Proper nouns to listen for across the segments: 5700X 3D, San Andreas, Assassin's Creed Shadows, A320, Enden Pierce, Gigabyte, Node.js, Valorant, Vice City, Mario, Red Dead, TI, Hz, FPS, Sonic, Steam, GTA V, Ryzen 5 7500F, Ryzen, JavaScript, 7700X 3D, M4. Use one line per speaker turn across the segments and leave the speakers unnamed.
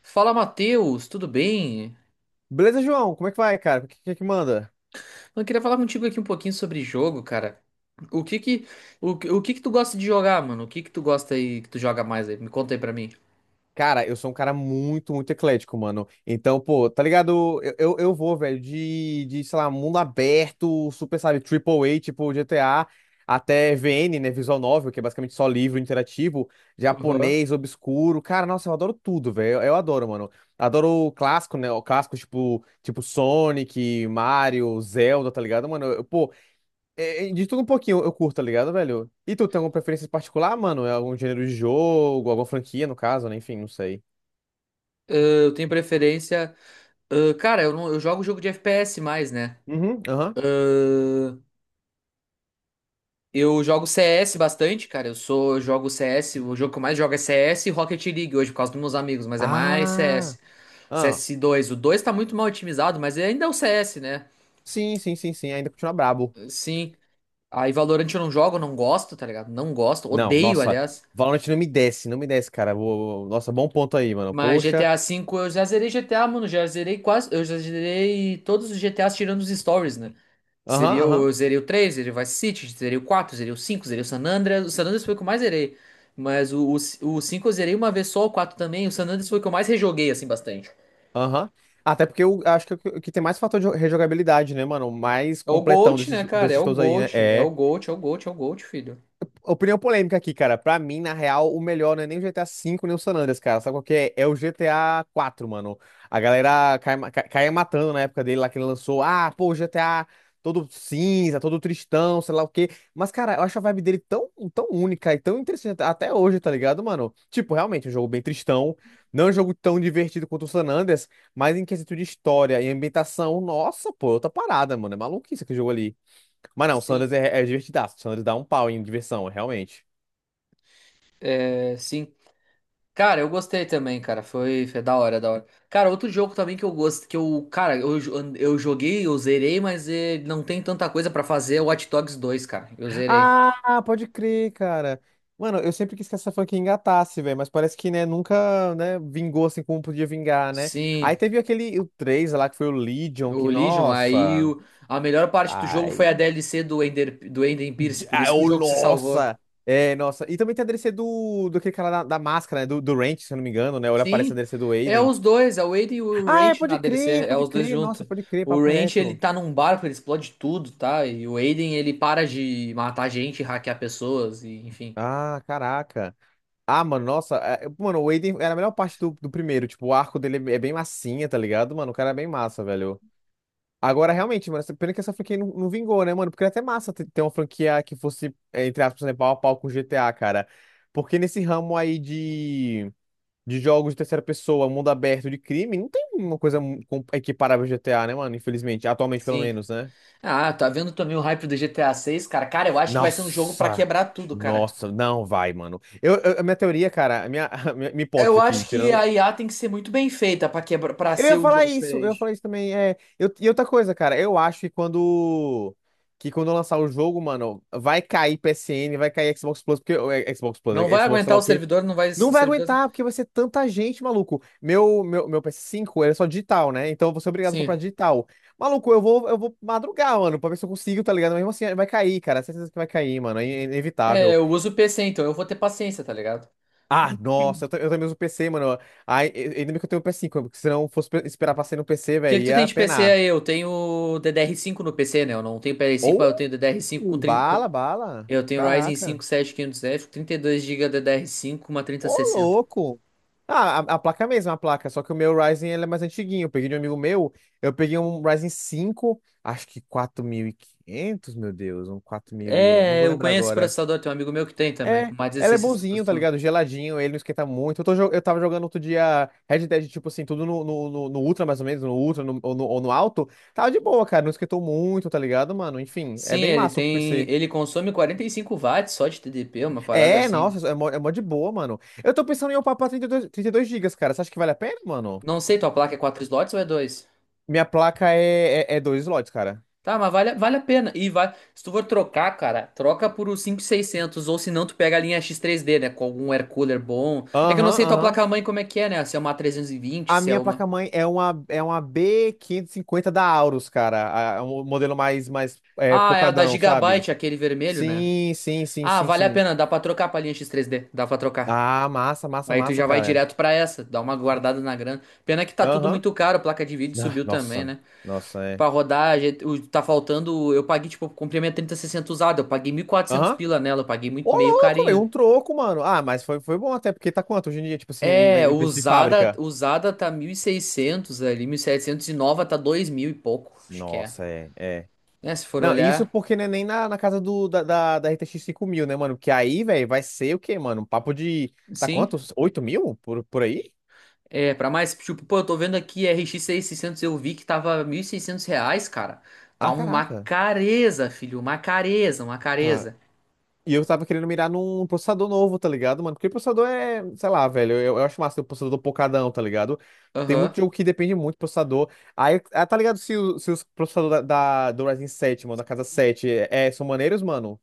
Fala, Matheus, tudo bem?
Beleza, João? Como é que vai, cara? O que que manda?
Eu queria falar contigo aqui um pouquinho sobre jogo, cara. O que que, o que que tu gosta de jogar, mano? O que que tu gosta aí, que tu joga mais aí? Me conta aí pra mim.
Cara, eu sou um cara muito eclético, mano. Então, pô, tá ligado? Eu vou, velho, sei lá, mundo aberto, super, sabe, Triple A, tipo GTA, até VN, né, visual novel, que é basicamente só livro interativo,
Aham. Ah,
japonês, obscuro. Cara, nossa, eu adoro tudo, velho. Eu adoro, mano. Adoro o clássico, né? O clássico, tipo Sonic, Mario, Zelda, tá ligado, mano? Eu, pô, de tudo um pouquinho eu curto, tá ligado, velho? E tu tem alguma preferência em particular, mano? É algum gênero de jogo, alguma franquia, no caso, né? Enfim, não sei.
eu tenho preferência. Ah, cara, não, eu jogo jogo de FPS mais, né?
Uhum, aham.
Ah, eu jogo CS bastante, cara. Eu jogo CS. O jogo que eu mais jogo é CS e Rocket League hoje, por causa dos meus amigos, mas é mais
Ah,
CS.
ah.
CS dois. O 2 tá muito mal otimizado, mas ainda é o CS, né?
Sim, sim, sim, sim. Ainda continua brabo.
Sim. Aí Valorant eu não jogo, não gosto, tá ligado? Não gosto,
Não,
odeio,
nossa.
aliás.
Valorant não me desce, não me desce, cara. Nossa, bom ponto aí, mano.
Mas
Poxa.
GTA V eu já zerei GTA, mano, já zerei quase, eu já zerei todos os GTAs tirando os stories, né?
Aham,
Seria o,
aham,
eu zerei o 3, zerei o Vice City, zerei o 4, zerei o 5, zerei o San Andreas. O San Andreas foi o que eu mais zerei. Mas o 5 eu zerei uma vez só, o 4 também. O San Andreas foi o que eu mais rejoguei, assim, bastante.
aham. Até porque eu acho que o que tem mais fator de rejogabilidade, né, mano? O mais
É o
completão
Gold, né,
desses,
cara? É
desses
o
todos aí, né?
Gold, é o
É
Gold, é o Gold, é o Gold, filho.
opinião polêmica aqui, cara. Pra mim, na real, o melhor não é nem o GTA V, nem o San Andreas, cara. Sabe qual que é? É o GTA 4, mano. A galera caia matando na época dele lá que ele lançou. Ah, pô, o GTA todo cinza, todo tristão, sei lá o quê. Mas, cara, eu acho a vibe dele tão única e tão interessante até hoje, tá ligado, mano? Tipo, realmente, um jogo bem tristão. Não é um jogo tão divertido quanto o San Andreas, mas em quesito de história e ambientação, nossa, pô, é outra parada, mano. É maluquice aquele jogo ali. Mas não, o
Sim,
Sanders é divertidaço. O Sanders dá um pau em diversão, realmente.
é, sim. Cara, eu gostei também, cara. Foi da hora, da hora. Cara, outro jogo também que eu gosto, que eu joguei, eu zerei, mas não tem tanta coisa pra fazer, é o Watch Dogs dois, cara. Eu zerei.
Ah, pode crer, cara. Mano, eu sempre quis que essa franquia engatasse, velho, mas parece que, né, nunca, né, vingou assim como podia vingar, né? Aí
Sim,
teve aquele, o 3 lá, que foi o Legion,
o
que,
Legion,
nossa...
a melhor parte do jogo foi a
Ai...
DLC do Ender, do Enden Pierce, por
ai,
isso que o
oh,
jogo se salvou.
nossa! É, nossa. E também tem a DLC do aquele cara da máscara, né, do Ranch, se eu não me engano, né? Olha, aparece a
Sim,
DLC do
é
Aiden.
os dois, é o Aiden e o
Ah, é,
Ranch na
pode
DLC,
crer,
é
pode
os dois
crer. Nossa,
juntos.
pode crer,
O
papo
Ranch, ele
reto.
tá num barco, ele explode tudo, tá? E o Aiden, ele para de matar gente, hackear pessoas, e enfim.
Ah, caraca. Ah, mano, nossa, mano, o Aiden era a melhor parte do primeiro, tipo, o arco dele é bem massinha, tá ligado? Mano, o cara é bem massa, velho. Agora, realmente, mano, pena que essa franquia não vingou, né, mano? Porque era até massa ter, ter uma franquia que fosse, é, entre aspas, né, pau a pau com GTA, cara. Porque nesse ramo aí de jogos de terceira pessoa, mundo aberto de crime, não tem uma coisa equiparável ao GTA, né, mano? Infelizmente, atualmente pelo
Sim.
menos, né?
Ah, tá vendo também o hype do GTA 6, cara? Cara, eu acho que vai ser um jogo pra
Nossa!
quebrar tudo, cara.
Nossa, não vai, mano. A minha teoria, cara, a minha, a minha
Eu
hipótese aqui,
acho que a
tirando.
IA tem que ser muito bem feita pra quebrar, para
Eu
ser
ia
um
falar
jogo
isso, eu ia
diferente.
falar isso também. É, eu, e outra coisa, cara, eu acho que quando. Que quando lançar o jogo, mano, vai cair PSN, vai cair Xbox Plus, porque. Ou é, Xbox Plus,
Não
é,
vai
Xbox, sei
aguentar
lá
o
o quê.
servidor, não vai, o
Não vai
servidor.
aguentar, porque vai ser tanta gente, maluco. Meu ps cinco ele é só digital, né? Então eu vou ser obrigado a comprar
Sim.
digital. Maluco, eu vou madrugar, mano, pra ver se eu consigo, tá ligado? Mas mesmo assim, vai cair, cara. Certeza que vai cair, mano. É
É,
inevitável.
eu uso o PC, então eu vou ter paciência, tá ligado?
Ah, nossa,
O
eu também uso PC, mano. Ai, ainda bem que eu tenho o ps cinco porque se não fosse esperar pra sair no PC,
que
velho,
que tu tem
ia
de PC
penar.
aí? Eu tenho DDR5 no PC, né? Eu não tenho PS5,
Ou
mas eu tenho DDR5 com,
uh,
30.
bala,
Com...
bala.
Eu tenho Ryzen
Caraca.
5 7500F, 32 GB DDR5, uma
Ô,
3060.
louco. Ah, a placa é a mesma, a placa. Só que o meu Ryzen ele é mais antiguinho. Eu peguei de um amigo meu. Eu peguei um Ryzen cinco. Acho que 4.500. Meu Deus. Um 4.000 e... Não
É,
vou
eu
lembrar
conheço esse
agora.
processador, tem um amigo meu que tem também, com
É,
uma
ela é
1660
bonzinho, tá ligado?
Super.
Geladinho, ele não esquenta muito. Eu, tô, eu tava jogando outro dia Red Dead, tipo assim, tudo no Ultra, mais ou menos, no Ultra ou no alto. Tava de boa, cara. Não esquentou muito, tá ligado, mano? Enfim, é
Sim,
bem
ele
massa o
tem.
PC.
Ele consome 45 watts só de TDP, uma parada
É,
assim.
nossa, é mó de boa, mano. Eu tô pensando em upar pra trinta e dois gigas, cara. Você acha que vale a pena, mano?
Não sei, tua placa é quatro slots ou é dois.
Minha placa é dois slots, cara.
Tá, mas vale a pena. E vai. Se tu for trocar, cara, troca por o 5.600 ou se não, tu pega a linha X3D, né? Com algum air cooler bom. É que eu não
Aham,
sei tua
aham.
placa-mãe como é que é, né? Se é uma A320,
A
se é
minha
uma.
placa-mãe é uma B550 da Aorus, cara. É um modelo mais, mais é,
Ah, é a da
pocadão, sabe?
Gigabyte, aquele vermelho, né?
Sim, sim, sim,
Ah,
sim,
vale a
sim.
pena, dá pra trocar pra linha X3D, dá pra trocar.
Ah, massa, massa,
Aí tu
massa,
já vai
cara.
direto pra essa, dá uma guardada na grana. Pena que tá tudo
Aham.
muito caro, placa de vídeo
Ah,
subiu também,
nossa,
né?
nossa, é.
Pra rodar, tá faltando. Eu paguei, tipo, eu comprei minha 3060 usada. Eu paguei 1.400
Aham.
pila nela. Eu paguei
Ô,
muito, meio
louco, velho,
carinho.
um troco, mano. Ah, mas foi, foi bom até, porque tá quanto hoje em dia, tipo assim,
É,
em preço de
usada,
fábrica?
usada tá 1.600 ali, 1.700 e 700 e nova tá 2.000 e pouco. Acho que é.
Nossa, é, é.
Né, se for
Não, isso
olhar.
porque não é nem na, na casa da R T X 5000, né, mano? Porque aí, velho, vai ser o quê, mano? Um papo de. Tá
Sim.
quanto? 8000? Por aí?
É, pra mais, tipo, pô, eu tô vendo aqui RX 600. Eu vi que tava 1.600 reais, cara. Tá
Ah,
uma
caraca.
careza, filho. Uma careza, uma
Tá.
careza.
E eu tava querendo mirar num processador novo, tá ligado, mano? Porque processador é, sei lá, velho. Eu acho massa ter um processador pocadão, tá ligado? Tem muito
Aham.
jogo que depende muito do processador. Aí, ah, tá ligado se, se os processadores do Ryzen sete, mano, da casa 7 é, são maneiros, mano?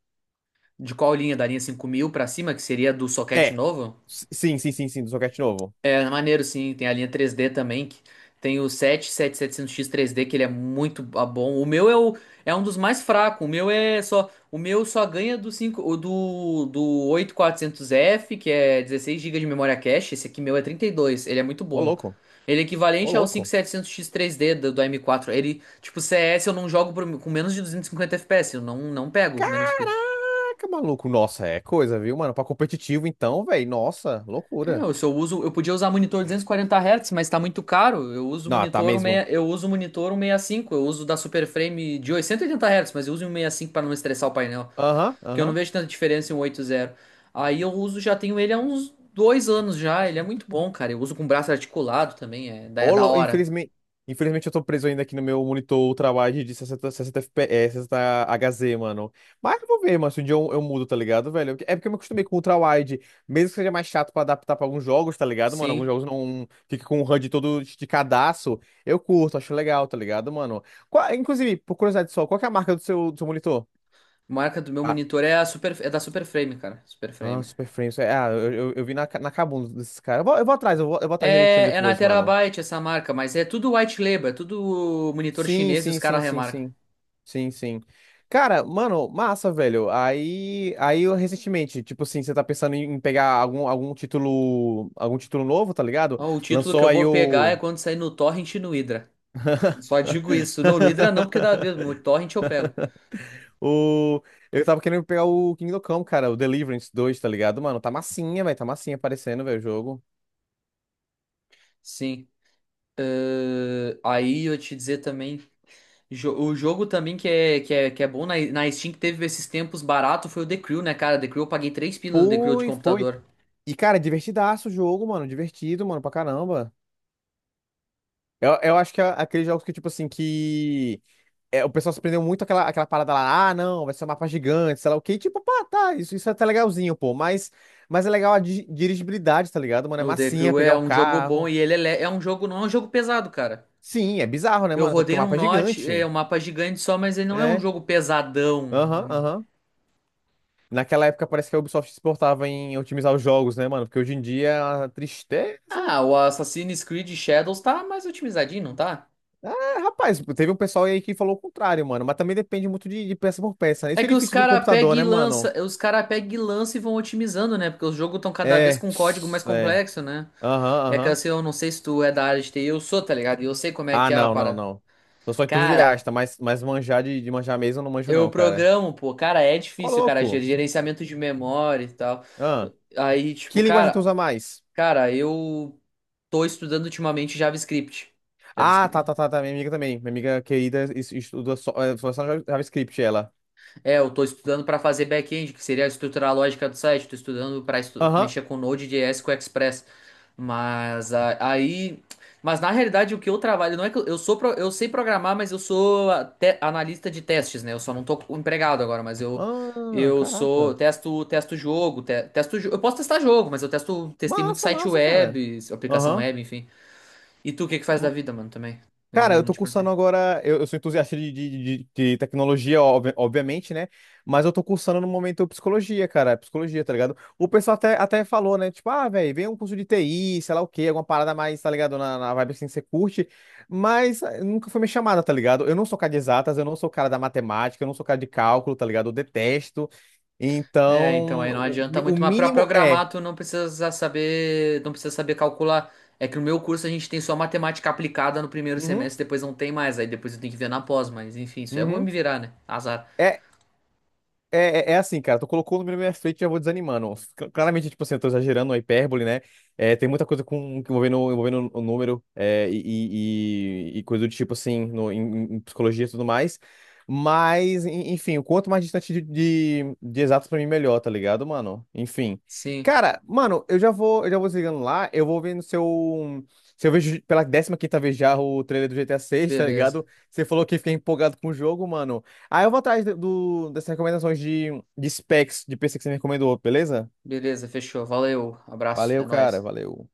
De qual linha? Da linha 5.000 pra cima, que seria do soquete
É.
novo?
Sim, sim, sim, sim, do socket novo.
É maneiro, sim. Tem a linha 3D também. Que tem o 7700X 3D, que ele é muito bom. O meu é um dos mais fracos. O meu é só. O meu só ganha do 5, o do 8400F, que é 16 GB de memória cache. Esse aqui meu é 32. Ele é muito
Ô,
bom.
louco.
Ele é
Ô,
equivalente ao
louco.
5700X 3D do M4. Ele, tipo, CS eu não jogo com menos de 250 FPS. Eu não pego menos que isso.
Caraca, maluco. Nossa, é coisa, viu, mano? Pra competitivo, então, velho. Nossa,
É,
loucura.
eu, se eu uso, eu podia usar monitor 240 Hz, mas tá muito caro.
Não, tá mesmo.
Eu uso monitor um sessenta e cinco Eu uso da Superframe de 880 Hz, mas eu uso um em cinco para não estressar o painel,
Aham,
porque eu não
aham.
vejo tanta diferença em um 80. Aí eu uso, já tenho ele há uns dois anos já, ele é muito bom, cara. Eu uso com braço articulado também, é da hora.
Infelizmente, infelizmente eu tô preso ainda aqui no meu monitor ultrawide de 60, 60 FPS, 60 Hz, mano. Mas eu vou ver, mano, se um dia eu mudo, tá ligado, velho? É porque eu me acostumei com o ultrawide, mesmo que seja mais chato pra adaptar pra alguns jogos, tá ligado, mano? Alguns
Sim,
jogos não fica com o HUD todo esticadaço. Eu curto, acho legal, tá ligado, mano? Inclusive, por curiosidade só, qual que é a marca do seu monitor?
a marca do meu
Ah,
monitor é da Superframe, cara,
ah,
Superframe.
Super Frames. É, ah, eu vi na, na Kabum desses caras. Eu vou atrás, eu vou atrás direitinho
É na
depois, mano.
Terabyte essa marca, mas é tudo white label, é tudo monitor
Sim,
chinês e os
sim,
caras
sim, sim,
remarcam.
sim. Sim, sim. Cara, mano, massa, velho. Aí eu recentemente, tipo assim, você tá pensando em pegar algum título novo, tá ligado?
Ó, o título que
Lançou
eu
aí
vou pegar é
o
quando sair no Torrent e no Hydra. Só digo isso. Não, no Hydra não, porque dá mesmo. O Torrent eu pego.
o eu tava querendo pegar o Kingdom Come, cara, o Deliverance dois, tá ligado? Mano, tá massinha, velho, tá massinha aparecendo, velho, o jogo.
Sim. Aí eu te dizer também. O jogo também que é bom na, Steam, que teve esses tempos barato, foi o The Crew, né, cara? The Crew eu paguei 3 pilas no The Crew de
Foi, foi.
computador.
E, cara, divertidaço o jogo, mano. Divertido, mano, pra caramba. Eu acho que é aqueles jogos que, tipo assim, que é, o pessoal se prendeu muito àquela, àquela parada lá, ah, não, vai ser um mapa gigante, sei lá o quê. E, tipo, pá, tá, isso é até legalzinho, pô. Mas é legal a dirigibilidade, tá ligado, mano? É
O The
massinha,
Crew
pegar
é
um
um jogo bom
carro.
e ele é um jogo, não é um jogo pesado, cara.
Sim, é bizarro, né,
Eu
mano? Até porque
rodei
o
num
mapa é
Notch, é
gigante.
um mapa gigante só, mas ele não é um
É,
jogo pesadão.
aham, aham. Naquela época parece que a Ubisoft se portava em otimizar os jogos, né, mano? Porque hoje em dia é uma tristeza.
Ah, o Assassin's Creed Shadows tá mais otimizadinho, não tá?
É, rapaz, teve um pessoal aí que falou o contrário, mano. Mas também depende muito de peça por peça, né? Isso
É
que é
que os
difícil do
cara pega
computador,
e
né, mano?
lança, os cara pega e lança e vão otimizando, né? Porque os jogos estão cada vez
É.
com um código mais
É.
complexo, né?
Aham,
É que
aham.
assim, eu não sei se tu é da área de TI, eu sou, tá ligado? E eu sei como é
Ah,
que é a
não, não,
parada.
não. Eu sou
Cara,
entusiasta, mas manjar de manjar mesmo eu não manjo,
eu
não, cara.
programo, pô, cara, é
Ô,
difícil, cara, ger-
louco.
gerenciamento de memória e tal.
Ah,
Aí, tipo,
que linguagem tu
cara,
usa mais?
eu tô estudando ultimamente JavaScript.
Ah, tá, tá,
JavaScript.
tá, tá. Minha amiga também. Minha amiga querida estuda só, é, só JavaScript, ela.
É, eu tô estudando para fazer back-end, que seria estruturar a lógica do site. Tô estudando para
Aham.
mexer com Node.js, com Express. Mas aí, mas na realidade o que eu trabalho não é que eu sou pro- eu sei programar, mas eu sou analista de testes, né? Eu só não tô empregado agora, mas eu
Ah,
eu sou
caraca.
testo testo jogo, eu posso testar jogo, mas eu testo testei muito
Massa,
site
massa, cara.
web, aplicação
Aham.
web, enfim. E tu o que que faz da vida, mano, também?
Cara,
Eu
eu
não
tô
te perguntei.
cursando agora. Eu sou entusiasta de tecnologia, obviamente, né? Mas eu tô cursando no momento psicologia, cara. Psicologia, tá ligado? O pessoal até falou, né? Tipo, ah, velho, vem um curso de TI, sei lá o quê, alguma parada mais, tá ligado? Na vibe assim que você curte. Mas eh, nunca foi minha chamada, tá ligado? Eu não sou cara de exatas, eu não sou cara da matemática, eu não sou cara de cálculo, tá ligado? Eu detesto.
É, então
Então,
aí não adianta
o
muito, mas para
mínimo é.
programar tu não precisa saber, não precisa saber calcular. É que no meu curso a gente tem só matemática aplicada no primeiro
Uhum,
semestre, depois não tem mais, aí depois eu tenho que ver na pós, mas enfim, isso eu vou
uhum.
me virar, né? Azar.
É, é assim, cara, tu colocou o número na minha frente e já vou desanimando. Claramente, tipo assim, eu tô exagerando, é hipérbole, né? É, tem muita coisa com, envolvendo o número é, e coisa do tipo, assim, no, em, em psicologia e tudo mais. Mas, enfim, o quanto mais distante de exatos pra mim, melhor, tá ligado, mano? Enfim.
Sim,
Cara, mano, eu já vou desligando lá, eu vou vendo se eu, se eu vejo pela 15ª vez já o trailer do GTA 6, tá
beleza.
ligado? Você falou que fiquei empolgado com o jogo, mano. Aí eu vou atrás dessas recomendações de specs de PC que você me recomendou, beleza?
Beleza, fechou. Valeu, abraço, é
Valeu, cara,
nóis.
valeu.